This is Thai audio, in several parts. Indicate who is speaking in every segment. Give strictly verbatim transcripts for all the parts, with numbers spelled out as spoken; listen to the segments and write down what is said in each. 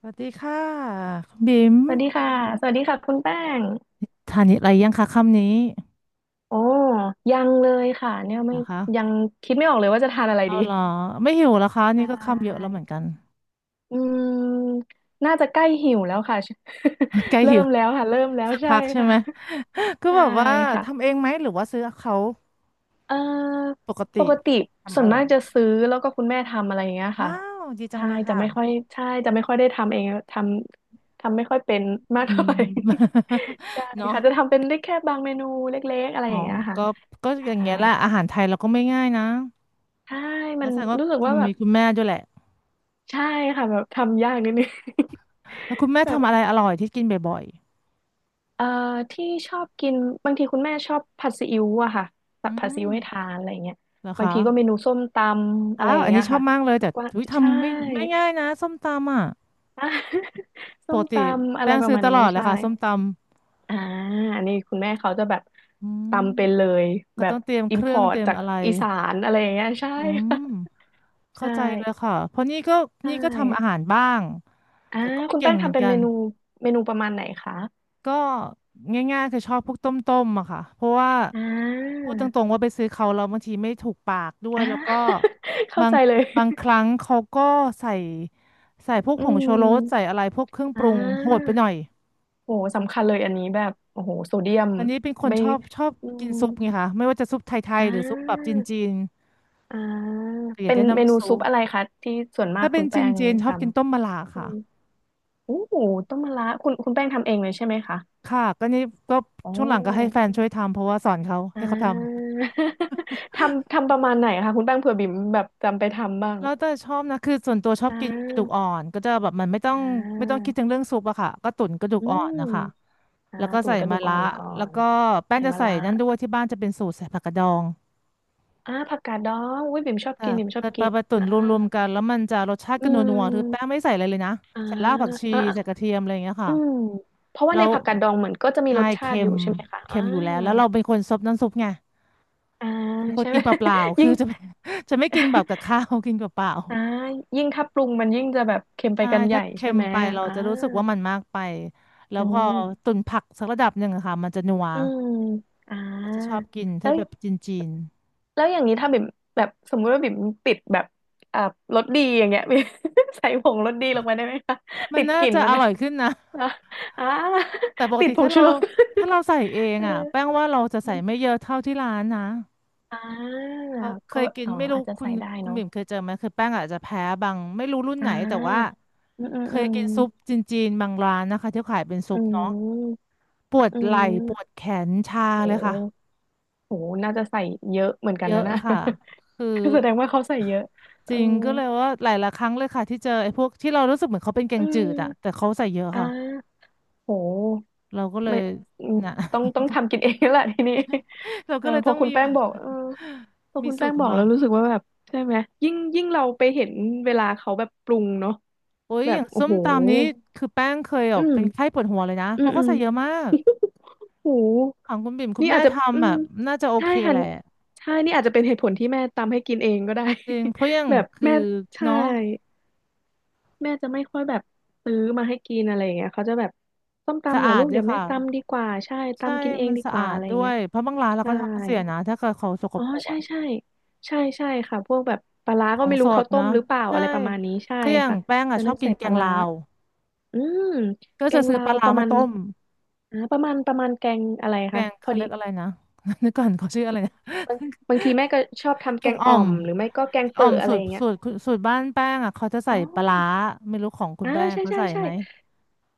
Speaker 1: สวัสดีค่ะคุณบิม
Speaker 2: สวัสดีค่ะ สวัสดีค่ะคุณแป้ง
Speaker 1: ทานอะไรยังคะค่ำนี้
Speaker 2: โอ้ยังเลยค่ะเนี่ยไม่
Speaker 1: นะ
Speaker 2: ยั
Speaker 1: คะ
Speaker 2: งคิดไม่ออกเลยว่าจะทานอะไร
Speaker 1: เอา
Speaker 2: ดี
Speaker 1: เหรอไม่หิวแล้วคะ
Speaker 2: ใช
Speaker 1: นี่ก็ค่ำเยอะแล้
Speaker 2: ่
Speaker 1: วเหมือนกัน
Speaker 2: อืมน่าจะใกล้หิวแล้วค่ะ
Speaker 1: ใกล้
Speaker 2: เริ่
Speaker 1: หิว
Speaker 2: มแล้วค่ะเริ่มแล้ว
Speaker 1: สัก
Speaker 2: ใช่
Speaker 1: พักใช่
Speaker 2: ค่ะ
Speaker 1: ไหมก็
Speaker 2: ใช่
Speaker 1: แบบว่า
Speaker 2: ค่ะ
Speaker 1: ทำเองไหมหรือว่าซื้อเขา
Speaker 2: เอ่อ
Speaker 1: ปก
Speaker 2: ป
Speaker 1: ติ
Speaker 2: กติส่
Speaker 1: ทำอ
Speaker 2: วน
Speaker 1: ร่อย
Speaker 2: มาก
Speaker 1: ไห
Speaker 2: จะ
Speaker 1: ม
Speaker 2: ซื้อแล้วก็คุณแม่ทำอะไรอย่างเงี้ยค่ะ
Speaker 1: ว้าวดีจัง
Speaker 2: ใช่
Speaker 1: เลย
Speaker 2: จะ
Speaker 1: ค่ะ
Speaker 2: ไม่ค่อยใช่จะไม่ค่อยได้ทำเองทำทำไม่ค่อยเป็นมา
Speaker 1: อื
Speaker 2: กเท่าไห
Speaker 1: ม
Speaker 2: ร่ ใช่
Speaker 1: เนาะ
Speaker 2: ค่ะจะทำเป็นได้แค่บางเมนูเล็กๆอะไร
Speaker 1: อ๋อ
Speaker 2: อย่างเงี้ยค่ะ
Speaker 1: ก็ก็
Speaker 2: ใช่
Speaker 1: อย่างเงี้ยแหละอาหารไทยเราก็ไม่ง่ายนะ
Speaker 2: ใช่มั
Speaker 1: แล้
Speaker 2: น
Speaker 1: วแสดงว่า
Speaker 2: รู้สึก
Speaker 1: คุ
Speaker 2: ว่า
Speaker 1: ณ
Speaker 2: แบ
Speaker 1: มี
Speaker 2: บ
Speaker 1: คุณแม่ด้วยแหละ
Speaker 2: ใช่ค่ะแบบทำยากนิดนึง
Speaker 1: แล้วคุณแม่
Speaker 2: แบบ
Speaker 1: ทำอะไรอร่อยที่กินบ่อย
Speaker 2: เอ่อที่ชอบกินบางทีคุณแม่ชอบผัดซีอิ๊วอะค่ะ
Speaker 1: ๆ
Speaker 2: แบ
Speaker 1: อื
Speaker 2: บผัดซี
Speaker 1: ม
Speaker 2: อิ๊วให้ทานอะไรเงี้ย
Speaker 1: เหรอ
Speaker 2: บาง
Speaker 1: คะ
Speaker 2: ทีก็เมนูส้มตำอะไร
Speaker 1: ว้าว
Speaker 2: อย่า
Speaker 1: อั
Speaker 2: ง
Speaker 1: น
Speaker 2: เงี้
Speaker 1: นี้
Speaker 2: ย
Speaker 1: ชอบ
Speaker 2: ค่ะ
Speaker 1: มากเลย
Speaker 2: กั
Speaker 1: แต่
Speaker 2: บกว่าง
Speaker 1: ทุย
Speaker 2: ใช่
Speaker 1: ทำไม่ไม่ง่ายนะส้มตำอ่ะ
Speaker 2: อ่ะ
Speaker 1: ป
Speaker 2: ส้ม
Speaker 1: ก
Speaker 2: ต
Speaker 1: ติ
Speaker 2: ำอะไร
Speaker 1: แป้ง
Speaker 2: ประ
Speaker 1: ซื้อ
Speaker 2: มาณ
Speaker 1: ต
Speaker 2: นี้
Speaker 1: ลอดเลย
Speaker 2: ใช่
Speaker 1: ค่ะส้มต
Speaker 2: อ่าอันนี้คุณแม่เขาจะแบบ
Speaker 1: ำอืม
Speaker 2: ตำเป็นเลย
Speaker 1: ก็
Speaker 2: แบ
Speaker 1: ต้
Speaker 2: บ
Speaker 1: องเตรียม
Speaker 2: อิ
Speaker 1: เค
Speaker 2: มพ
Speaker 1: รื่อ
Speaker 2: อ
Speaker 1: ง
Speaker 2: ร์ต
Speaker 1: เตรียม
Speaker 2: จาก
Speaker 1: อะไร
Speaker 2: อีสานอะไรอย่างเงี้ยใช่
Speaker 1: อื
Speaker 2: ค่ะ
Speaker 1: ม
Speaker 2: ใช่
Speaker 1: เข้าใจเลยค่ะเพราะนี่ก็
Speaker 2: ใช่
Speaker 1: นี่ก็ทำอาหารบ้าง
Speaker 2: อ่า
Speaker 1: แต่ก็ไม่
Speaker 2: คุณ
Speaker 1: เก่
Speaker 2: แป้
Speaker 1: ง
Speaker 2: ง
Speaker 1: เหมือ
Speaker 2: ทำ
Speaker 1: น
Speaker 2: เป็น
Speaker 1: กั
Speaker 2: เม
Speaker 1: น
Speaker 2: นูเมนูประมาณไหนคะ
Speaker 1: ก็ง่ายๆคือชอบพวกต้มๆอะค่ะเพราะว่า
Speaker 2: อ่
Speaker 1: พู
Speaker 2: า
Speaker 1: ดตรงๆว่าไปซื้อเขาแล้วบางทีไม่ถูกปากด้วย
Speaker 2: อ่า
Speaker 1: แล้วก็
Speaker 2: เข้า
Speaker 1: บาง
Speaker 2: ใจเลย
Speaker 1: บางครั้งเขาก็ใส่ใส่พวก
Speaker 2: อื
Speaker 1: ผงชูรสใส่
Speaker 2: ม
Speaker 1: อะไรพวกเครื่องป
Speaker 2: อ่
Speaker 1: รุงโหดไป
Speaker 2: า
Speaker 1: หน่อย
Speaker 2: โหสำคัญเลยอันนี้แบบโอ้โหโซเดียม
Speaker 1: อันนี้เป็นคน
Speaker 2: ไม่
Speaker 1: ชอบชอบ
Speaker 2: อื
Speaker 1: กิน
Speaker 2: ม
Speaker 1: ซุปไงคะไม่ว่าจะซุปไทย
Speaker 2: อ่
Speaker 1: ๆหรือซุปแบบ
Speaker 2: า
Speaker 1: จีน
Speaker 2: อ่า
Speaker 1: ๆก็อยา
Speaker 2: เป็
Speaker 1: ก
Speaker 2: น
Speaker 1: ได้
Speaker 2: เมนู
Speaker 1: น้ำซุ
Speaker 2: ซุป
Speaker 1: ป
Speaker 2: อะไรคะที่ส่วนมาก
Speaker 1: ถ้าเป็
Speaker 2: คุ
Speaker 1: น
Speaker 2: ณ
Speaker 1: จ
Speaker 2: แป้ง
Speaker 1: ีนๆช
Speaker 2: ท
Speaker 1: อบกินต้มมะระ
Speaker 2: ำอื
Speaker 1: ค่ะ
Speaker 2: มโอ้โหต้มมะระคุณคุณแป้งทำเองเลยใช่ไหมคะ
Speaker 1: ค่ะก็นี่ก็
Speaker 2: อ๋
Speaker 1: ช่วงหลังก็ให้แฟ
Speaker 2: อ
Speaker 1: นช่วยทำเพราะว่าสอนเขา
Speaker 2: อ่า
Speaker 1: ให้เขาทำ
Speaker 2: ทำทำประมาณไหนคะคุณแป้งเผื่อบิ่มแบบจำไปทำบ้าง
Speaker 1: แล้วแต่ชอบนะคือส่วนตัวชอบ
Speaker 2: อ่
Speaker 1: กินกระดูก
Speaker 2: า
Speaker 1: อ่อนก็จะแบบมันไม่ต้อง
Speaker 2: อ่
Speaker 1: ไม่ต้อง
Speaker 2: า
Speaker 1: คิดถึงเรื่องซุปอะค่ะก็ตุ๋นกระดูก
Speaker 2: อื
Speaker 1: อ่อน
Speaker 2: ม
Speaker 1: นะคะ
Speaker 2: อ่า
Speaker 1: แล้วก็
Speaker 2: ตุ๋น
Speaker 1: ใส่
Speaker 2: กระดู
Speaker 1: มะ
Speaker 2: กอ่
Speaker 1: ระ
Speaker 2: อนก่อ
Speaker 1: แล้ว
Speaker 2: น
Speaker 1: ก็แป้ง
Speaker 2: ใส่
Speaker 1: จะ
Speaker 2: มะ
Speaker 1: ใส่
Speaker 2: ระ
Speaker 1: นั่นด้วยที่บ้านจะเป็นสูตรใส่ผักกาดดอง
Speaker 2: อ่าผักกาดดองอุ้ยบิ่มชอบ
Speaker 1: ค่ะ
Speaker 2: กินบิ่มช
Speaker 1: ก
Speaker 2: อบ
Speaker 1: ระป
Speaker 2: กิ
Speaker 1: ลา
Speaker 2: น
Speaker 1: ปลาตุ๋น
Speaker 2: อ่า
Speaker 1: รวมๆกันแล้วมันจะรสชาติ
Speaker 2: อื
Speaker 1: ก็นัวๆคือแป้งไม่
Speaker 2: ม
Speaker 1: ใส่อะไรเลยนะ
Speaker 2: อ่า
Speaker 1: ใส่รากผักชี
Speaker 2: อ่า
Speaker 1: ใส่กระเทียมอะไรอย่างเงี้ย
Speaker 2: อืม
Speaker 1: ค่ะ
Speaker 2: เพราะว่า
Speaker 1: แล้
Speaker 2: ใน
Speaker 1: ว
Speaker 2: ผักกาดดองเหมือนก็จะมี
Speaker 1: ใช่
Speaker 2: รสชา
Speaker 1: เค็
Speaker 2: ติอ
Speaker 1: ม
Speaker 2: ยู่ใช่ไหมคะอ่า
Speaker 1: เค็มอยู่แล้วแล้วเราเป็นคนซดน้ำซุปไง
Speaker 2: อ่า
Speaker 1: เป็นคน
Speaker 2: ใช่ไห
Speaker 1: กิ
Speaker 2: ม
Speaker 1: นเปล่า ๆ
Speaker 2: ยิ่
Speaker 1: คือ
Speaker 2: ง
Speaker 1: จะไม่ จะไม่กินแบบกับข้าวกินเปล่า
Speaker 2: อ่ายิ่งถ้าปรุงมันยิ่งจะแบบเค็ม
Speaker 1: ๆ
Speaker 2: ไป
Speaker 1: ใช่
Speaker 2: กันให
Speaker 1: ถ้า
Speaker 2: ญ่
Speaker 1: เค็
Speaker 2: ใช่
Speaker 1: ม
Speaker 2: ไหม
Speaker 1: ไปเรา
Speaker 2: อ่า
Speaker 1: จะรู้สึกว่ามันมากไปแล้ว
Speaker 2: อื
Speaker 1: พอ
Speaker 2: ม
Speaker 1: ตุ๋นผักสักระดับหนึ่งอะค่ะมันจะนัว
Speaker 2: อืมอ่
Speaker 1: เราจะชอ
Speaker 2: า
Speaker 1: บกิน
Speaker 2: แล้
Speaker 1: ถ้า
Speaker 2: ว
Speaker 1: แบบจีน
Speaker 2: แล้วอย่างนี้ถ้าบิ่มแบบสมมุติว่าบิ่มติดแบบอ่ารสดีอย่างเงี้ย บิ่ม ใส่ผงรสดีลงไปได้ไหมคะ
Speaker 1: ๆมั
Speaker 2: ติ
Speaker 1: น
Speaker 2: ด
Speaker 1: น่า
Speaker 2: กลิ่น
Speaker 1: จะ
Speaker 2: มั
Speaker 1: อ
Speaker 2: น นะ
Speaker 1: ร่อยขึ้นนะ
Speaker 2: อ่ะอ่า
Speaker 1: แต่ปก
Speaker 2: ติด
Speaker 1: ติ
Speaker 2: ผง
Speaker 1: ถ้า
Speaker 2: ชู
Speaker 1: เรา
Speaker 2: รส
Speaker 1: ถ้าเราใส่เอ ง
Speaker 2: เออ
Speaker 1: อ่ะแป้งว่าเราจะใส่ไม่เยอะเท่าที่ร้านนะ
Speaker 2: อ่า
Speaker 1: เพราะเค
Speaker 2: ก็
Speaker 1: ยกิน
Speaker 2: อ๋อ
Speaker 1: ไม่รู้
Speaker 2: อาจจะ
Speaker 1: คุ
Speaker 2: ใส่
Speaker 1: ณ
Speaker 2: ได้
Speaker 1: คุณ
Speaker 2: เนาะ
Speaker 1: บิ่มเคยเจอไหมคือแป้งอาจจะแพ้บางไม่รู้รุ่น
Speaker 2: อ่
Speaker 1: ไหนแต่ว่า
Speaker 2: าอืมอืม
Speaker 1: เค
Speaker 2: อื
Speaker 1: ย
Speaker 2: ม
Speaker 1: กินซุปจีนๆบางร้านนะคะที่ขายเป็นซุ
Speaker 2: อื
Speaker 1: ปเนาะ
Speaker 2: ม
Speaker 1: ปวด
Speaker 2: อื
Speaker 1: ไหล่
Speaker 2: ม
Speaker 1: ปวดแขนชา
Speaker 2: โห
Speaker 1: เลยค่ะ
Speaker 2: โหน่าจะใส่เยอะเหมือนกั
Speaker 1: เย
Speaker 2: นนะ
Speaker 1: อะ
Speaker 2: น่ะ
Speaker 1: ค่ะคือ
Speaker 2: แสดงว่าเขาใส่เยอะเอ
Speaker 1: จ
Speaker 2: อ
Speaker 1: ริงก็เลยว่าหลายๆครั้งเลยค่ะที่เจอไอ้พวกที่เรารู้สึกเหมือนเขาเป็นแก
Speaker 2: อื
Speaker 1: งจืดอ่ะแต่
Speaker 2: ม
Speaker 1: เขาใส่เยอะ
Speaker 2: อ่
Speaker 1: ค่ะ
Speaker 2: าโห
Speaker 1: เราก็เลย
Speaker 2: ไม่อืม
Speaker 1: นะ
Speaker 2: ต้องต้องทำกินเองแล้วแหละทีนี้
Speaker 1: เรา
Speaker 2: เอ
Speaker 1: ก็
Speaker 2: อ
Speaker 1: เลย
Speaker 2: พ
Speaker 1: ต้
Speaker 2: อ
Speaker 1: อง
Speaker 2: คุณ
Speaker 1: มี
Speaker 2: แป้งบอกเออพอ
Speaker 1: มี
Speaker 2: คุณ
Speaker 1: สู
Speaker 2: แป้
Speaker 1: ต
Speaker 2: ง
Speaker 1: รข
Speaker 2: บ
Speaker 1: อง
Speaker 2: อก
Speaker 1: เรา
Speaker 2: แล้วรู้สึกว่าแบบใช่ไหมยิ่งยิ่งเราไปเห็นเวลาเขาแบบปรุงเนาะ
Speaker 1: โอ้ย
Speaker 2: แบ
Speaker 1: อ
Speaker 2: บ
Speaker 1: ย่าง
Speaker 2: โอ้
Speaker 1: ส้ม
Speaker 2: โห
Speaker 1: ตำนี้คือแป้งเคยแบ
Speaker 2: อื
Speaker 1: บเป็นไข้
Speaker 2: ม
Speaker 1: ปวดหัวเลยนะ
Speaker 2: อื
Speaker 1: เพ
Speaker 2: ม
Speaker 1: ราะ
Speaker 2: อื
Speaker 1: เขา
Speaker 2: ม
Speaker 1: ใส่เยอะมาก
Speaker 2: โอ้โห
Speaker 1: ของคุณบิ่มคุณ
Speaker 2: นี่
Speaker 1: แม่
Speaker 2: อาจจะ
Speaker 1: ท
Speaker 2: อื
Speaker 1: ำ
Speaker 2: ม
Speaker 1: อ่ะน่าจะโอ
Speaker 2: ใช่
Speaker 1: เค
Speaker 2: ค่ะ
Speaker 1: แหละ
Speaker 2: ใช่นี่อาจจะเป็นเหตุผลที่แม่ตามให้กินเองก็ได้
Speaker 1: จริงเพราะอย่าง
Speaker 2: แบบ
Speaker 1: คือ
Speaker 2: แม่ใช่
Speaker 1: เนาะ
Speaker 2: แม่จะไม่ค่อยแบบซื้อมาให้กินอะไรอย่างเงี้ยเขาจะแบบส้ม
Speaker 1: สะ
Speaker 2: ตำเหรอ
Speaker 1: อา
Speaker 2: ลู
Speaker 1: ด
Speaker 2: ก
Speaker 1: ด้ว
Speaker 2: เดี๋
Speaker 1: ย
Speaker 2: ยวแม่
Speaker 1: ค่ะ
Speaker 2: ตำดีกว่าใช่
Speaker 1: ใช่
Speaker 2: ตำกินเอง
Speaker 1: มัน
Speaker 2: ดี
Speaker 1: สะ
Speaker 2: ก
Speaker 1: อา
Speaker 2: ว่า
Speaker 1: ด
Speaker 2: อะไรอ
Speaker 1: ด้
Speaker 2: ย่าง
Speaker 1: ว
Speaker 2: เงี้ย
Speaker 1: ยเพราะบางร้านเรา
Speaker 2: ใช่
Speaker 1: ก็ท้องเสียนะถ้าเกิดเขาสก
Speaker 2: อ๋อ
Speaker 1: ปรก
Speaker 2: ใช่
Speaker 1: อะ
Speaker 2: ใช่ใช่ใช่ค่ะพวกแบบปลาร้า
Speaker 1: ข
Speaker 2: ก็
Speaker 1: อง
Speaker 2: ไม่
Speaker 1: ส
Speaker 2: รู้
Speaker 1: ด
Speaker 2: เขาต้
Speaker 1: นะ
Speaker 2: มหรือเปล่า
Speaker 1: ใช่
Speaker 2: อะไรประมาณนี้ใช่
Speaker 1: คืออย่าง
Speaker 2: ค่ะ
Speaker 1: แป้งอ่ะ
Speaker 2: มัน
Speaker 1: ชอ
Speaker 2: ต้อ
Speaker 1: บ
Speaker 2: ง
Speaker 1: กิ
Speaker 2: ใส่
Speaker 1: นแก
Speaker 2: ปลา
Speaker 1: ง
Speaker 2: ร้า
Speaker 1: ลาว
Speaker 2: อืม
Speaker 1: ก็
Speaker 2: แก
Speaker 1: จะ
Speaker 2: ง
Speaker 1: ซื้อ
Speaker 2: ลา
Speaker 1: ปลา
Speaker 2: วป
Speaker 1: ร้า
Speaker 2: ระ
Speaker 1: มา
Speaker 2: มาณ
Speaker 1: ต้ม
Speaker 2: อ่าประมาณประมาณแกงอะไร
Speaker 1: แก
Speaker 2: คะ
Speaker 1: ง
Speaker 2: พอ
Speaker 1: เขา
Speaker 2: ดี
Speaker 1: เรียกอะไรนะ นึกก่อนเขาชื่ออะไรนะ
Speaker 2: บางบางทีแม่ก็ชอบ ทำ
Speaker 1: แก
Speaker 2: แก
Speaker 1: ง
Speaker 2: ง
Speaker 1: อ่อ
Speaker 2: อ่อ
Speaker 1: ม
Speaker 2: มหรือไม่ก็แกง
Speaker 1: อ๋อ
Speaker 2: เปิ
Speaker 1: ม
Speaker 2: ดอะ
Speaker 1: สู
Speaker 2: ไร
Speaker 1: ต
Speaker 2: อ
Speaker 1: ร
Speaker 2: ย่างเงี้ย
Speaker 1: สูตรสูตรบ้านแป้งอ่ะเขาจะ
Speaker 2: อ๋
Speaker 1: ใส่
Speaker 2: อ
Speaker 1: ปลาร้าไม่รู้ของคุณ
Speaker 2: อ่า
Speaker 1: แป้ง
Speaker 2: ใช่
Speaker 1: เขา
Speaker 2: ใช่
Speaker 1: ใส่
Speaker 2: ใช่
Speaker 1: ไหม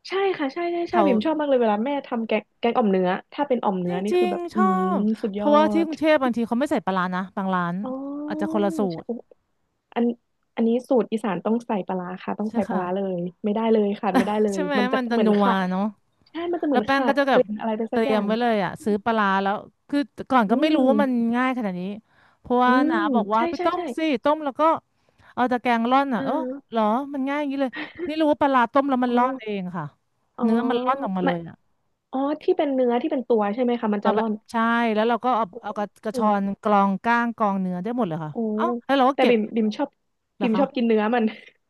Speaker 2: ใช่ค่ะใช่ใช่ใช่
Speaker 1: เขา
Speaker 2: บิ่มชอบมากเลยเวลาแม่ทำแกงแกงอ่อมเนื้อถ้าเป็นอ่อม
Speaker 1: จ
Speaker 2: เนื้อนี่
Speaker 1: ริ
Speaker 2: คือ
Speaker 1: ง
Speaker 2: แบบ
Speaker 1: ๆช
Speaker 2: อื
Speaker 1: อ
Speaker 2: ม
Speaker 1: บ
Speaker 2: สุด
Speaker 1: เพ
Speaker 2: ยอ
Speaker 1: ราะว่าที่ก
Speaker 2: ด
Speaker 1: รุงเทพบางทีเขาไม่ใส่ปลาร้านะบางร้าน
Speaker 2: อ๋
Speaker 1: อาจ
Speaker 2: อ
Speaker 1: จะคนละสู
Speaker 2: ใช่
Speaker 1: ตร
Speaker 2: โอ้อันอันนี้สูตรอีสานต้องใส่ปลาร้าค่ะต้อง
Speaker 1: ใช่
Speaker 2: ใส่ปลา
Speaker 1: ค่ะ
Speaker 2: ร้าเลยไม่ได้เลยขาดไม่ได้เล
Speaker 1: ใช่
Speaker 2: ย
Speaker 1: ไหม
Speaker 2: มันจะ
Speaker 1: มันจะ
Speaker 2: เหมือน
Speaker 1: นัว
Speaker 2: ค่ะ
Speaker 1: เนาะ
Speaker 2: ใช่มันจะเห
Speaker 1: แล้
Speaker 2: มือ
Speaker 1: ว
Speaker 2: น
Speaker 1: แป้ง
Speaker 2: ขา
Speaker 1: ก็
Speaker 2: ด
Speaker 1: จะแบ
Speaker 2: ก
Speaker 1: บ
Speaker 2: ลิ่นอะไรไป
Speaker 1: เต
Speaker 2: สัก
Speaker 1: รี
Speaker 2: อ
Speaker 1: ย
Speaker 2: ย่า
Speaker 1: ม
Speaker 2: ง
Speaker 1: ไว้เลยอ่ะซื้อปลาร้าแล้วคือก่อน
Speaker 2: อื
Speaker 1: ก็ไม่รู้
Speaker 2: ม
Speaker 1: ว่ามันง่ายขนาดนี้เพราะ
Speaker 2: อื
Speaker 1: ว่า
Speaker 2: ม
Speaker 1: น้าบอกว่า
Speaker 2: ใช่
Speaker 1: ไป
Speaker 2: ใช่
Speaker 1: ต้มสิ
Speaker 2: ใช่
Speaker 1: ต้มแล้วก็เอาตะแกรงร่อน
Speaker 2: อ่
Speaker 1: อ่ะเออเหร
Speaker 2: า
Speaker 1: อมันง่ายอย่างนี้เลยนี่รู้ว่าปลาร้าต้มแล้วมั
Speaker 2: อ๋
Speaker 1: น
Speaker 2: อ
Speaker 1: ร่อนเองค่ะ
Speaker 2: อ๋อ
Speaker 1: เนื้อมันร่อนออกมาเล
Speaker 2: ไม่
Speaker 1: ยอ่ะ
Speaker 2: อ๋อที่เป็นเนื้อที่เป็นตัวใช่ไหมคะมันจะ
Speaker 1: มาแบ
Speaker 2: ร่อ
Speaker 1: บ
Speaker 2: น
Speaker 1: ใช่แล้วเราก็เอาเอากระกระช
Speaker 2: โอ้
Speaker 1: อนกรองก้างกรองเนื้อได้หมดเลยค่ะ
Speaker 2: โอ้
Speaker 1: เอ้าแล้วเราก็
Speaker 2: แต่
Speaker 1: เก็บ
Speaker 2: บิ่มบิ่มชอบ
Speaker 1: เหรอ
Speaker 2: บิ่ม
Speaker 1: คะ
Speaker 2: ชอบกินเนื้อมัน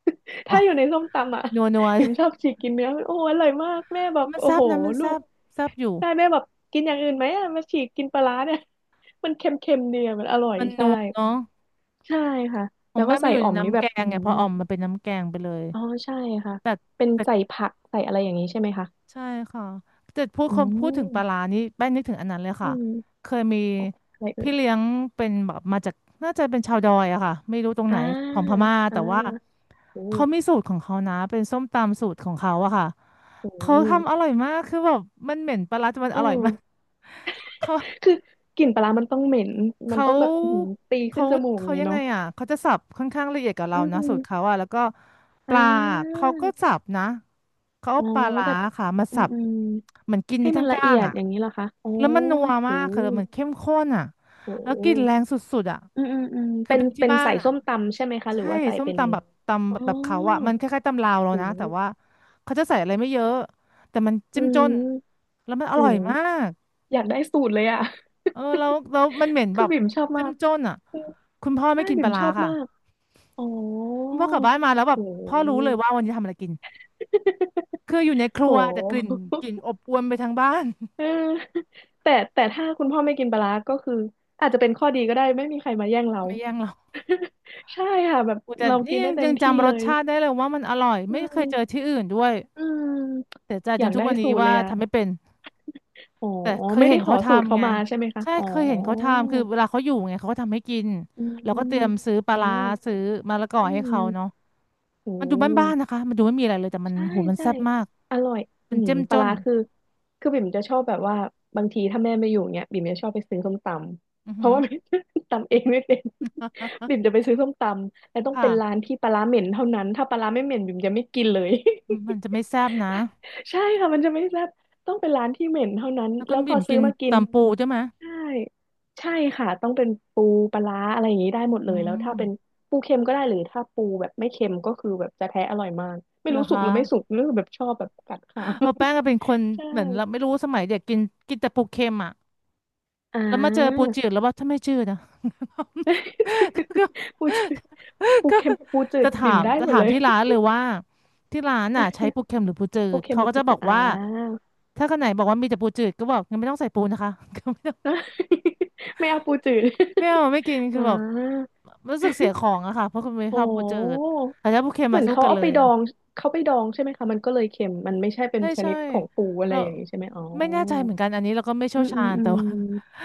Speaker 2: ถ้าอยู่ในส้มตำอ่ะ
Speaker 1: นัวนัว
Speaker 2: บิ่มชอบฉีกกินเนื้อมันโอ้อร่อยมากแม่บอก
Speaker 1: มัน
Speaker 2: โอ้
Speaker 1: แซ่บ
Speaker 2: โห
Speaker 1: นะมัน
Speaker 2: ลู
Speaker 1: แซ่
Speaker 2: ก
Speaker 1: บแซ่บอยู่
Speaker 2: ใช่แม่บอกกินอย่างอื่นไหมอ่ะมาฉีกกินปลาร้าเนี่ย มันเค็มๆดีอะมันอร่อย
Speaker 1: มัน
Speaker 2: ใช่
Speaker 1: นัวเนาะ
Speaker 2: ใช่ค่ะ
Speaker 1: ผ
Speaker 2: แล้
Speaker 1: ม
Speaker 2: ว
Speaker 1: แม่
Speaker 2: ก็
Speaker 1: มา
Speaker 2: ใส่
Speaker 1: อยู่
Speaker 2: อ่
Speaker 1: ใน
Speaker 2: อมนี่
Speaker 1: น้ำ
Speaker 2: แบ
Speaker 1: แก
Speaker 2: บอื
Speaker 1: ง
Speaker 2: มอ
Speaker 1: ไงพอ
Speaker 2: หื
Speaker 1: อ่อมมัน
Speaker 2: อ
Speaker 1: เป็นน้ำแกงไปเลย
Speaker 2: อ๋อใช่ค่ะ
Speaker 1: แต่
Speaker 2: เป็น
Speaker 1: แต่
Speaker 2: ใส่ผักใส่อะไรอย่างนี้ใช่ไหมคะ
Speaker 1: ใช่ค่ะแต่พูด
Speaker 2: อื
Speaker 1: คำพูดถึงปลาร้า
Speaker 2: ม
Speaker 1: นี่แป้งนึกถึงอันนั้นเลย
Speaker 2: อื
Speaker 1: ค่ะ
Speaker 2: ม
Speaker 1: เคยมี
Speaker 2: อะไรเอ่
Speaker 1: พี่
Speaker 2: ย
Speaker 1: เลี้ยงเป็นแบบมาจากน่าจะเป็นชาวดอยอะค่ะไม่รู้ตรง
Speaker 2: อ่า
Speaker 1: ไหนของพม่า
Speaker 2: อ่า
Speaker 1: แต่ว่า
Speaker 2: โอ้
Speaker 1: เขามี
Speaker 2: โห
Speaker 1: สูตรของเขานะ เป็นส้มตำสูตรของเขาอะค่ะ
Speaker 2: อื
Speaker 1: เขา
Speaker 2: ม
Speaker 1: ทำอร่อยมากคือแบบมันเหม็นปลาร้าแต่มัน
Speaker 2: เอ
Speaker 1: อร่อยมาก
Speaker 2: อ
Speaker 1: เขา
Speaker 2: คือกลิ่นปลาร้ามันต้องเหม็นมัน
Speaker 1: เขา
Speaker 2: ต้องแบบอื้อหือตีขึ้
Speaker 1: เขา
Speaker 2: นจมูกอย่า
Speaker 1: เขา
Speaker 2: งเงี้
Speaker 1: ยั
Speaker 2: ย
Speaker 1: งไง
Speaker 2: เนาะ
Speaker 1: อ่ะเขาจะสับค่อนข้างละเอียดกับเรา
Speaker 2: อื
Speaker 1: นะสูตรเขา
Speaker 2: ม
Speaker 1: อ่ะแล้วก็ป
Speaker 2: อ่
Speaker 1: ลา
Speaker 2: า
Speaker 1: เขาก็สับนะเขา
Speaker 2: อ๋
Speaker 1: เอา
Speaker 2: อ
Speaker 1: ปลาร้า
Speaker 2: แบบ
Speaker 1: ค่ะมา
Speaker 2: อื
Speaker 1: สั
Speaker 2: ม
Speaker 1: บ
Speaker 2: อืม
Speaker 1: เหมือนกินใน
Speaker 2: ให้มั
Speaker 1: ทั้
Speaker 2: น
Speaker 1: ง
Speaker 2: ละ
Speaker 1: ก้า
Speaker 2: เอี
Speaker 1: ง
Speaker 2: ยด
Speaker 1: อ่ะ
Speaker 2: อย่างนี้เหรอคะอ๋อ
Speaker 1: แล้วมันนัว
Speaker 2: โห
Speaker 1: มากค่ะแล้วมันเข้มข้นอ่ะ
Speaker 2: โ
Speaker 1: แล้วกลิ่นแร
Speaker 2: ห
Speaker 1: งสุดๆอ่ะ
Speaker 2: อืมอืมอืม
Speaker 1: คือ
Speaker 2: เป็น
Speaker 1: เป็นที่
Speaker 2: เป็น
Speaker 1: บ้าน
Speaker 2: ใส่
Speaker 1: อ่ะ
Speaker 2: ส้มตำใช่ไหมคะหรื
Speaker 1: ใช่
Speaker 2: อว่าใส่
Speaker 1: ส้ม
Speaker 2: เป็น
Speaker 1: ตำแบบต
Speaker 2: อ๋
Speaker 1: ำ
Speaker 2: อ
Speaker 1: แบบเขาอ่ะมันคล้ายๆตำลาวเรา
Speaker 2: โห
Speaker 1: นะแต่ว่าเขาจะใส่อะไรไม่เยอะแต่มัน
Speaker 2: อื
Speaker 1: จิ้มจน
Speaker 2: ม
Speaker 1: แล้วมันอร่อยมา
Speaker 2: โห
Speaker 1: ก
Speaker 2: อยากได้สูตรเลยอ่ะ
Speaker 1: เออแล้วแล้วมันเห ม็นแบ
Speaker 2: คือ
Speaker 1: บ
Speaker 2: บิ่มชอบมาก
Speaker 1: จ้ำจ้นอ่ะ
Speaker 2: เออ
Speaker 1: คุณพ่อไม่
Speaker 2: ใช่
Speaker 1: กินป
Speaker 2: บิ่
Speaker 1: ลา
Speaker 2: ม
Speaker 1: ร้า
Speaker 2: ชอบ
Speaker 1: ค่ะ
Speaker 2: มากอ๋อ
Speaker 1: คุณพ่อกลับบ้านมาแล้วแบบ
Speaker 2: โ
Speaker 1: พ่อรู้
Speaker 2: ห
Speaker 1: เลยว่าวันนี้ทำอะไรกินคืออยู่ในค
Speaker 2: โ
Speaker 1: รัวแต่กลิ่น
Speaker 2: ห
Speaker 1: กลิ่นอบอวนไปทั้งบ้าน
Speaker 2: เออ แต่แต่ถ้าคุณพ่อไม่กินปลาร้าก็คืออาจจะเป็นข้อดีก็ได้ไม่มีใครมาแย่งเรา
Speaker 1: ไม่แย่งหรอก
Speaker 2: ใช่ค่ะแบบ
Speaker 1: อุ๊ยแต่
Speaker 2: เรา
Speaker 1: นี่
Speaker 2: กิน
Speaker 1: ยั
Speaker 2: ได้
Speaker 1: ง
Speaker 2: เต็
Speaker 1: ยั
Speaker 2: ม
Speaker 1: ง
Speaker 2: ที่
Speaker 1: จำร
Speaker 2: เล
Speaker 1: ส
Speaker 2: ย
Speaker 1: ชาติได้เลยว่ามันอร่อย
Speaker 2: อื
Speaker 1: ไม่เคย
Speaker 2: ม
Speaker 1: เจอที่อื่นด้วย
Speaker 2: อืม
Speaker 1: เสียใจ
Speaker 2: อ
Speaker 1: จ
Speaker 2: ยา
Speaker 1: น
Speaker 2: ก
Speaker 1: ทุก
Speaker 2: ได้
Speaker 1: วัน
Speaker 2: สู
Speaker 1: นี้
Speaker 2: ตรเล
Speaker 1: ว่า
Speaker 2: ยอ่ะ
Speaker 1: ทำไม่เป็น
Speaker 2: อ๋อ
Speaker 1: แต่เคย
Speaker 2: ไม่
Speaker 1: เห็
Speaker 2: ได้
Speaker 1: น
Speaker 2: ขอ
Speaker 1: เขา
Speaker 2: สูตร
Speaker 1: ทำ
Speaker 2: เขา
Speaker 1: ไง
Speaker 2: มาใช่ไหมคะ
Speaker 1: ใช่
Speaker 2: อ๋อ
Speaker 1: เคยเห็นเขาทำคือเวลาเขาอยู่ไงเขาก็ทำให้กิน
Speaker 2: อื
Speaker 1: แล้วก็เต
Speaker 2: ม
Speaker 1: รียมซื้อปลา
Speaker 2: อ่
Speaker 1: ร้า
Speaker 2: า
Speaker 1: ซื้อมะละกอ
Speaker 2: อื
Speaker 1: ให้เขา
Speaker 2: ม
Speaker 1: เนาะ
Speaker 2: โอ
Speaker 1: มันดูบ้าน
Speaker 2: ้
Speaker 1: ๆนะคะมันดูไม่มีอะไรเลยแต่มัน
Speaker 2: ใช่
Speaker 1: โหมัน
Speaker 2: ใช่
Speaker 1: แซ่บมาก
Speaker 2: อร่อย
Speaker 1: มั
Speaker 2: อื
Speaker 1: น
Speaker 2: ม
Speaker 1: เจ้ม
Speaker 2: ป
Speaker 1: จ
Speaker 2: ลา
Speaker 1: น
Speaker 2: ร้าคือคือบิ่มจะชอบแบบว่าบางทีถ้าแม่ไม่อยู่เนี้ยบิ่มจะชอบไปซื้อส้มต
Speaker 1: อื
Speaker 2: ำ
Speaker 1: อ
Speaker 2: เพ
Speaker 1: หื
Speaker 2: ราะ
Speaker 1: อ
Speaker 2: ว่า ตำเองไม่เป็นบิ่มจะไปซื้อส้มตำแล้วต้องเป็นร้าน
Speaker 1: ค่ะ
Speaker 2: ที่ปลาร้าเหม็นเท่านั้นถ้าปลาร้าไม่เหม็นบิ่มจะไม่กินเลย
Speaker 1: มมันจะ ไม่แซ่บนะ
Speaker 2: ใช่ค่ะมันจะไม่แซ่บต้องเป็นร้านที่เหม็นเท่านั้น
Speaker 1: แล้วคุ
Speaker 2: แล้
Speaker 1: ณ
Speaker 2: วพ
Speaker 1: บิ่
Speaker 2: อ
Speaker 1: ม
Speaker 2: ซื้
Speaker 1: กิ
Speaker 2: อ
Speaker 1: น
Speaker 2: มากิน
Speaker 1: ตำปูใช่ไหม
Speaker 2: ใช่ใช่ค่ะต้องเป็นปูปลาร้าอะไรอย่างนี้ได้หมด
Speaker 1: อื
Speaker 2: เลยแล้วถ้า
Speaker 1: ม
Speaker 2: เป็นปูเค็มก็ได้หรือถ้าปูแบบไม่เค็มก็คือแบบจะแท้อร่อยมากไม่
Speaker 1: เหรอ
Speaker 2: รู้สุก
Speaker 1: คะ
Speaker 2: หรือไม่สุกหรือแบบชอบแบบกัดขา
Speaker 1: เพราะแป้งก็เป็นคน
Speaker 2: ใช่
Speaker 1: เหมือนเราไม่รู้สมัยเด็กกินกินแต่ปูเค็มอ่ะ
Speaker 2: อ่
Speaker 1: แล้วมาเจอปู
Speaker 2: า
Speaker 1: จืดแล้วว่าถ้าไม่จืดนะ ก็
Speaker 2: ปูจืดปู
Speaker 1: ก็
Speaker 2: เค็มปูจื
Speaker 1: จะ
Speaker 2: ด
Speaker 1: ถา
Speaker 2: บิ่ม
Speaker 1: ม
Speaker 2: ได้
Speaker 1: จะ
Speaker 2: หมด
Speaker 1: ถาม
Speaker 2: เลย
Speaker 1: ที่ร้านเลยว่าที่ร้านอ่ะใช้ปูเค็มหรือปูจื
Speaker 2: ปู
Speaker 1: ด
Speaker 2: เค็ม
Speaker 1: เขา
Speaker 2: หรื
Speaker 1: ก็
Speaker 2: อปู
Speaker 1: จะบ
Speaker 2: จื
Speaker 1: อ
Speaker 2: ด
Speaker 1: ก
Speaker 2: อ่า
Speaker 1: ว่าถ้าคนไหนบอกว่ามีแต่ปูจืดก็บอกงั้นไม่ต้องใส่ปูนะคะ
Speaker 2: ไม่เอาปูจืด
Speaker 1: ไม่เอาไม่กิน คื
Speaker 2: อ่
Speaker 1: อแบบ
Speaker 2: า
Speaker 1: รู้สึกเสียของอะค่ะเพราะคุณไม่ชอ
Speaker 2: โอ้
Speaker 1: บปูจืดแต่ถ้าปูเค็ม
Speaker 2: เหมื
Speaker 1: มา
Speaker 2: อน
Speaker 1: สู้
Speaker 2: เขา
Speaker 1: กัน
Speaker 2: เอา
Speaker 1: เล
Speaker 2: ไป
Speaker 1: ย
Speaker 2: ดองเขาไปดองใช่ไหมคะมันก็เลยเค็มมันไม่ใช่เป็น
Speaker 1: ใช่
Speaker 2: ช
Speaker 1: ใช่
Speaker 2: นิดของปูอะไร
Speaker 1: เรา
Speaker 2: อย่างนี้ใช่ไหมอ๋อ
Speaker 1: ไม่แน่ใจเหมือนกันอันนี้เราก็ไม่เชี่
Speaker 2: อื
Speaker 1: ยว
Speaker 2: มอื
Speaker 1: ชา
Speaker 2: ม
Speaker 1: ญ
Speaker 2: อื
Speaker 1: แต่
Speaker 2: ม
Speaker 1: ว่า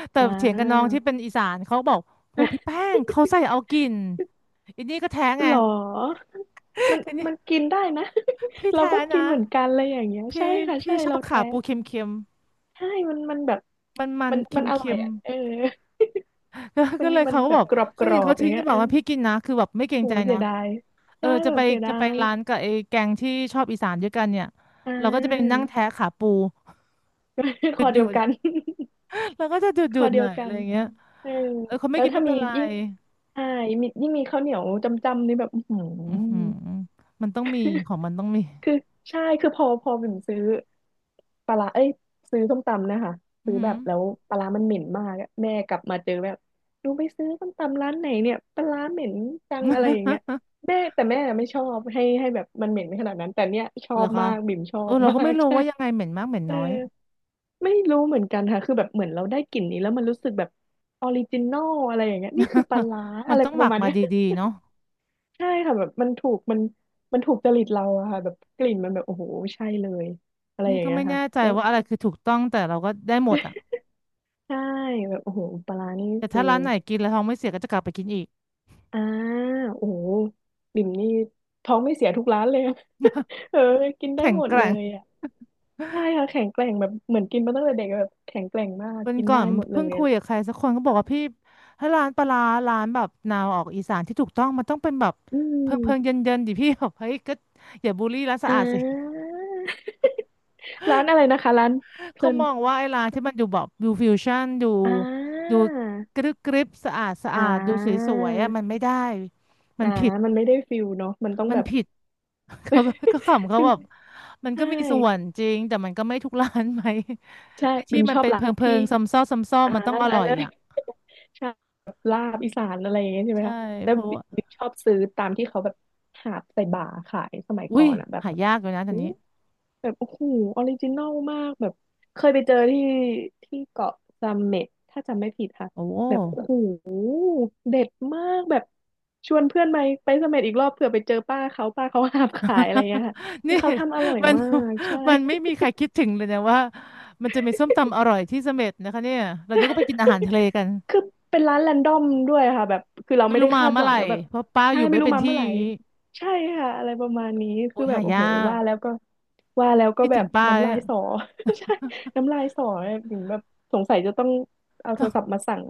Speaker 1: แต่
Speaker 2: อ่า
Speaker 1: เถียงกับน้องที่เป็นอีสานเขาบอกโหพี่แป้งเขาใส่ เอากินอันนี้ก็แท้ไง
Speaker 2: หรอมัน
Speaker 1: อันนี้
Speaker 2: มันกินได้นะ
Speaker 1: พี่
Speaker 2: เรา
Speaker 1: แท้
Speaker 2: ก็กิน
Speaker 1: นะ
Speaker 2: เหมือนกันอะไรอย่างเงี้ย
Speaker 1: พี่
Speaker 2: ใช่ค่ะ
Speaker 1: พี่
Speaker 2: ใช่
Speaker 1: ชอ
Speaker 2: เรา
Speaker 1: บขา
Speaker 2: แท้
Speaker 1: ปูเค็ม
Speaker 2: ใช่มันมันแบบ
Speaker 1: ๆมันมัน
Speaker 2: มันมันอร่อ
Speaker 1: เค็
Speaker 2: ย
Speaker 1: ม
Speaker 2: อ่ะเออ
Speaker 1: ๆ แล้ว
Speaker 2: มั
Speaker 1: ก็
Speaker 2: น
Speaker 1: เลย
Speaker 2: มัน
Speaker 1: เขาก็
Speaker 2: แบ
Speaker 1: บ
Speaker 2: บ
Speaker 1: อก
Speaker 2: กรอบก
Speaker 1: เขา
Speaker 2: ร
Speaker 1: เห็น
Speaker 2: อ
Speaker 1: เขา
Speaker 2: บอ
Speaker 1: ทิ้
Speaker 2: ย่าง
Speaker 1: งก็
Speaker 2: เงี้ย
Speaker 1: บอ
Speaker 2: เอ
Speaker 1: ก
Speaker 2: อ
Speaker 1: ว่าพี่กินนะคือแบบไม่เกร
Speaker 2: โห
Speaker 1: งใจ
Speaker 2: เสี
Speaker 1: นะ
Speaker 2: ยดาย
Speaker 1: เออ
Speaker 2: ใช่
Speaker 1: จะ
Speaker 2: แบ
Speaker 1: ไป
Speaker 2: บเสียดา
Speaker 1: จะไป
Speaker 2: ย
Speaker 1: ร้านกับไอ้แกงที่ชอบอีสานด้วยกันเนี่ย
Speaker 2: อ่
Speaker 1: เราก็จะไปนั่ง
Speaker 2: า
Speaker 1: แท้ขาปู
Speaker 2: คอ
Speaker 1: ดู
Speaker 2: เดียว
Speaker 1: ด
Speaker 2: กัน
Speaker 1: ๆเราก็จะ
Speaker 2: ค
Speaker 1: ดู
Speaker 2: อ
Speaker 1: ดๆ
Speaker 2: เดี
Speaker 1: ห
Speaker 2: ย
Speaker 1: น่
Speaker 2: ว
Speaker 1: อย
Speaker 2: กั
Speaker 1: อะไร
Speaker 2: น
Speaker 1: อย่างเงี้ย
Speaker 2: เออ
Speaker 1: เออเขาไม่
Speaker 2: แล้ว
Speaker 1: กิน
Speaker 2: ถ้า
Speaker 1: ไม่
Speaker 2: มี
Speaker 1: เป็นไร
Speaker 2: ยิ่งใช่มียิ่งมีข้าวเหนียวจำจำนี่แบบอื้อหื
Speaker 1: อือหือ
Speaker 2: อ
Speaker 1: มันต้องมีของมันต้องมี
Speaker 2: คือใช่คือพอพอบิ่มซื้อปลาร้าเอ้ยซื้อส้มตำนะคะ
Speaker 1: อือ
Speaker 2: ซื้อ
Speaker 1: หื
Speaker 2: แบ
Speaker 1: อ
Speaker 2: บแล้วปลาร้ามันเหม็นมากอะแม่กลับมาเจอแบบดูไปซื้อส้มตำร้านไหนเนี่ยปลาร้าเหม็นจังอะไรอย่างเงี้ย แม่แต่แม่ไม่ชอบให้ให้แบบมันเหม็นขนาดนั้นแต่เนี้ยชอ
Speaker 1: เหรอ
Speaker 2: บ
Speaker 1: คะ
Speaker 2: มากบิ่มชอ
Speaker 1: เออ
Speaker 2: บ
Speaker 1: เรา
Speaker 2: มา
Speaker 1: ก็ไม่
Speaker 2: ก
Speaker 1: รู้
Speaker 2: ใช่
Speaker 1: ว่ายังไงเหม็นมากเหม็น
Speaker 2: เออ
Speaker 1: น้อย
Speaker 2: ไม่รู้เหมือนกันค่ะคือแบบเหมือนเราได้กลิ่นนี้แล้วมันรู้สึกแบบออริจินอลอะไรอย่างเงี้ยนี่คือปลาร้า
Speaker 1: มั
Speaker 2: อะ
Speaker 1: น
Speaker 2: ไร
Speaker 1: ต้อง
Speaker 2: ป
Speaker 1: หมั
Speaker 2: ระ
Speaker 1: ก
Speaker 2: มาณ
Speaker 1: มา
Speaker 2: เนี้ย
Speaker 1: ดีๆเนาะ
Speaker 2: ใช่ค่ะแบบมันถูกมันมันถูกจริตเราอะค่ะแบบกลิ่นมันแบบโอ้โหใช่เลยอะไรอ
Speaker 1: นี่
Speaker 2: ย่าง
Speaker 1: ก็
Speaker 2: เงี้ย
Speaker 1: ไม่
Speaker 2: ค่ะ
Speaker 1: แน่ใจ
Speaker 2: แล้ว
Speaker 1: ว่าอะไรคือถูกต้องแต่เราก็ได้หมดอ่ะ
Speaker 2: ใช่แบบโอ้โหปลาร้านี่
Speaker 1: แต่
Speaker 2: คื
Speaker 1: ถ้า
Speaker 2: อ
Speaker 1: ร้านไหนกินแล้วท้องไม่เสียก็จะกลับไปกินอีก
Speaker 2: อ่าโอ้โหบิ่มนี่ท้องไม่เสียทุกร้านเลยอะ เออกินได้
Speaker 1: แข็ง
Speaker 2: หมด
Speaker 1: แก
Speaker 2: เล
Speaker 1: ร่ง
Speaker 2: ยอ่ะใช่ค่ะแข็งแกร่งแบบเหมือนกินมาตั้งแต่เด็กแบบแข็งแกร่งมาก
Speaker 1: วัน
Speaker 2: กิน
Speaker 1: ก่อ
Speaker 2: ได้
Speaker 1: น
Speaker 2: หมดเล
Speaker 1: เพิ่ง
Speaker 2: ยอะ
Speaker 1: คุ
Speaker 2: ไร
Speaker 1: ยกับใครสักคนก็บอกว่าพี่ถ้าร้านปลาร้าร้านแบบแนวออกอีสานที่ถูกต้องมันต้องเป็นแบบ
Speaker 2: อื
Speaker 1: เพิงเพิงเย็
Speaker 2: ม
Speaker 1: นเย็นๆดิพี่แบบเฮ้ยก็อย่าบูลลี่ร้านสะ
Speaker 2: อ่
Speaker 1: อาดสิ
Speaker 2: า ร้านอะไรนะคะร้านเพลิ
Speaker 1: เขา
Speaker 2: น
Speaker 1: มองว่าไอ้ร้านที่มันดูแบบดูฟิวชั่นดู
Speaker 2: อ่
Speaker 1: ดู
Speaker 2: า
Speaker 1: กรึบกริบสะอาดสะ
Speaker 2: อ่
Speaker 1: อาดดูส
Speaker 2: า
Speaker 1: วยๆอ่ะมันไม่ได้มั
Speaker 2: อ่า
Speaker 1: นผิด
Speaker 2: มันไม่ได้ฟิลเนาะมันต้อง
Speaker 1: มั
Speaker 2: แบ
Speaker 1: น
Speaker 2: บ
Speaker 1: ผิด เขาก็ก็ขำ เขา
Speaker 2: บิม
Speaker 1: แบบมันก็
Speaker 2: ใช่
Speaker 1: มีส่วนจริงแต่มันก็ไม่ทุกร้านไหม
Speaker 2: ใช่
Speaker 1: ไอ้
Speaker 2: บิ
Speaker 1: ที่
Speaker 2: ม
Speaker 1: มั
Speaker 2: ช
Speaker 1: น
Speaker 2: อบ
Speaker 1: เป็น
Speaker 2: ร้า
Speaker 1: เพิ
Speaker 2: น
Speaker 1: งเพิ
Speaker 2: ที่
Speaker 1: งซ้ำซ้อซ้ำซ้อ
Speaker 2: อ่า
Speaker 1: มันต้องอ
Speaker 2: อะ
Speaker 1: ร่อ
Speaker 2: ไร
Speaker 1: ย อ่ะ
Speaker 2: ใช่แบบลาบอีสานอะไรอย่างเงี้ยใช่ไหม
Speaker 1: ใช่
Speaker 2: คะแล้
Speaker 1: เพ
Speaker 2: ว
Speaker 1: ราะว่า
Speaker 2: บิมชอบซื้อตามที่เขาแบบหาบใส่บ่าขายสมัย
Speaker 1: อุ้
Speaker 2: ก่อ
Speaker 1: ย
Speaker 2: นอ่ะแบบ
Speaker 1: หายากเลยนะตอนนี้
Speaker 2: แบบโอ้โหออริจินอลมากแบบเคยไปเจอที่ที่เกาะซัมเม็ตถ้าจำไม่ผิดค่ะ
Speaker 1: โอ้โห
Speaker 2: แบบโอ้โหเด็ดมากแบบชวนเพื่อนไปไปซัมเม็ตอีกรอบเผื่อไปเจอป้าเขาป้าเขาหาบขายอะไรเงี้ยค่ะ คื
Speaker 1: นี่
Speaker 2: อเขาทำอร่ อย
Speaker 1: มัน
Speaker 2: มากใช่
Speaker 1: มันไม่มีใครคิดถึงเลยนะว่ามันจะมีส้มตำอร่อยที่เสม็ดนะคะเนี่ยเรานึกว่าไปกินอาหารทะเลกัน
Speaker 2: คือเป็นร้านแรนดอมด้วยค่ะแบบคือเรา
Speaker 1: ไม่
Speaker 2: ไม่
Speaker 1: รู้
Speaker 2: ได้
Speaker 1: มา
Speaker 2: คาด
Speaker 1: เมื่
Speaker 2: ห
Speaker 1: อ
Speaker 2: วั
Speaker 1: ไห
Speaker 2: ง
Speaker 1: ร่
Speaker 2: แล้วแบบ
Speaker 1: เพราะป้า
Speaker 2: ใช่
Speaker 1: อยู่
Speaker 2: ไม่
Speaker 1: ไม่
Speaker 2: รู้
Speaker 1: เป็น
Speaker 2: มา
Speaker 1: ที่
Speaker 2: เมื่อไห
Speaker 1: อ
Speaker 2: ร่
Speaker 1: ย่างนี้
Speaker 2: ใช่ค่ะอะไรประมาณนี้
Speaker 1: โอ้
Speaker 2: คือ
Speaker 1: ย
Speaker 2: แบ
Speaker 1: หา
Speaker 2: บโอ้
Speaker 1: ยา
Speaker 2: โหว่า
Speaker 1: ก
Speaker 2: แล้วก็ว่าแล้วก็
Speaker 1: คิด
Speaker 2: แบ
Speaker 1: ถึ
Speaker 2: บ
Speaker 1: งป้า
Speaker 2: น้ำ
Speaker 1: เนี่
Speaker 2: ลาย
Speaker 1: ย
Speaker 2: สอ ใช่น้ำลายสอเนี่ยถึงแบบสงสัยจะต้องเอา โท
Speaker 1: ต้อ
Speaker 2: ร
Speaker 1: ง
Speaker 2: ศัพท์มาสั่ง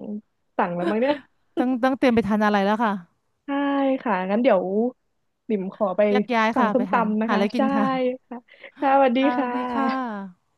Speaker 2: สั่งแล้วมั้งเนี่ย
Speaker 1: ต้องต้องเตรียมไปทานอะไรแล้วค่ะ
Speaker 2: ใช่ค่ะงั้นเดี๋ยวบิ่มขอไป
Speaker 1: แยกย้าย
Speaker 2: สั่ง
Speaker 1: ค่ะไป
Speaker 2: ส้ม
Speaker 1: ทาน
Speaker 2: ตำนะ
Speaker 1: หาอะ
Speaker 2: คะ
Speaker 1: ไรกิน
Speaker 2: ใช่
Speaker 1: ค่ะ
Speaker 2: ค่ะค่ะสวัสดี
Speaker 1: ค่ะสวั
Speaker 2: ค่ะ
Speaker 1: สดีค่ะ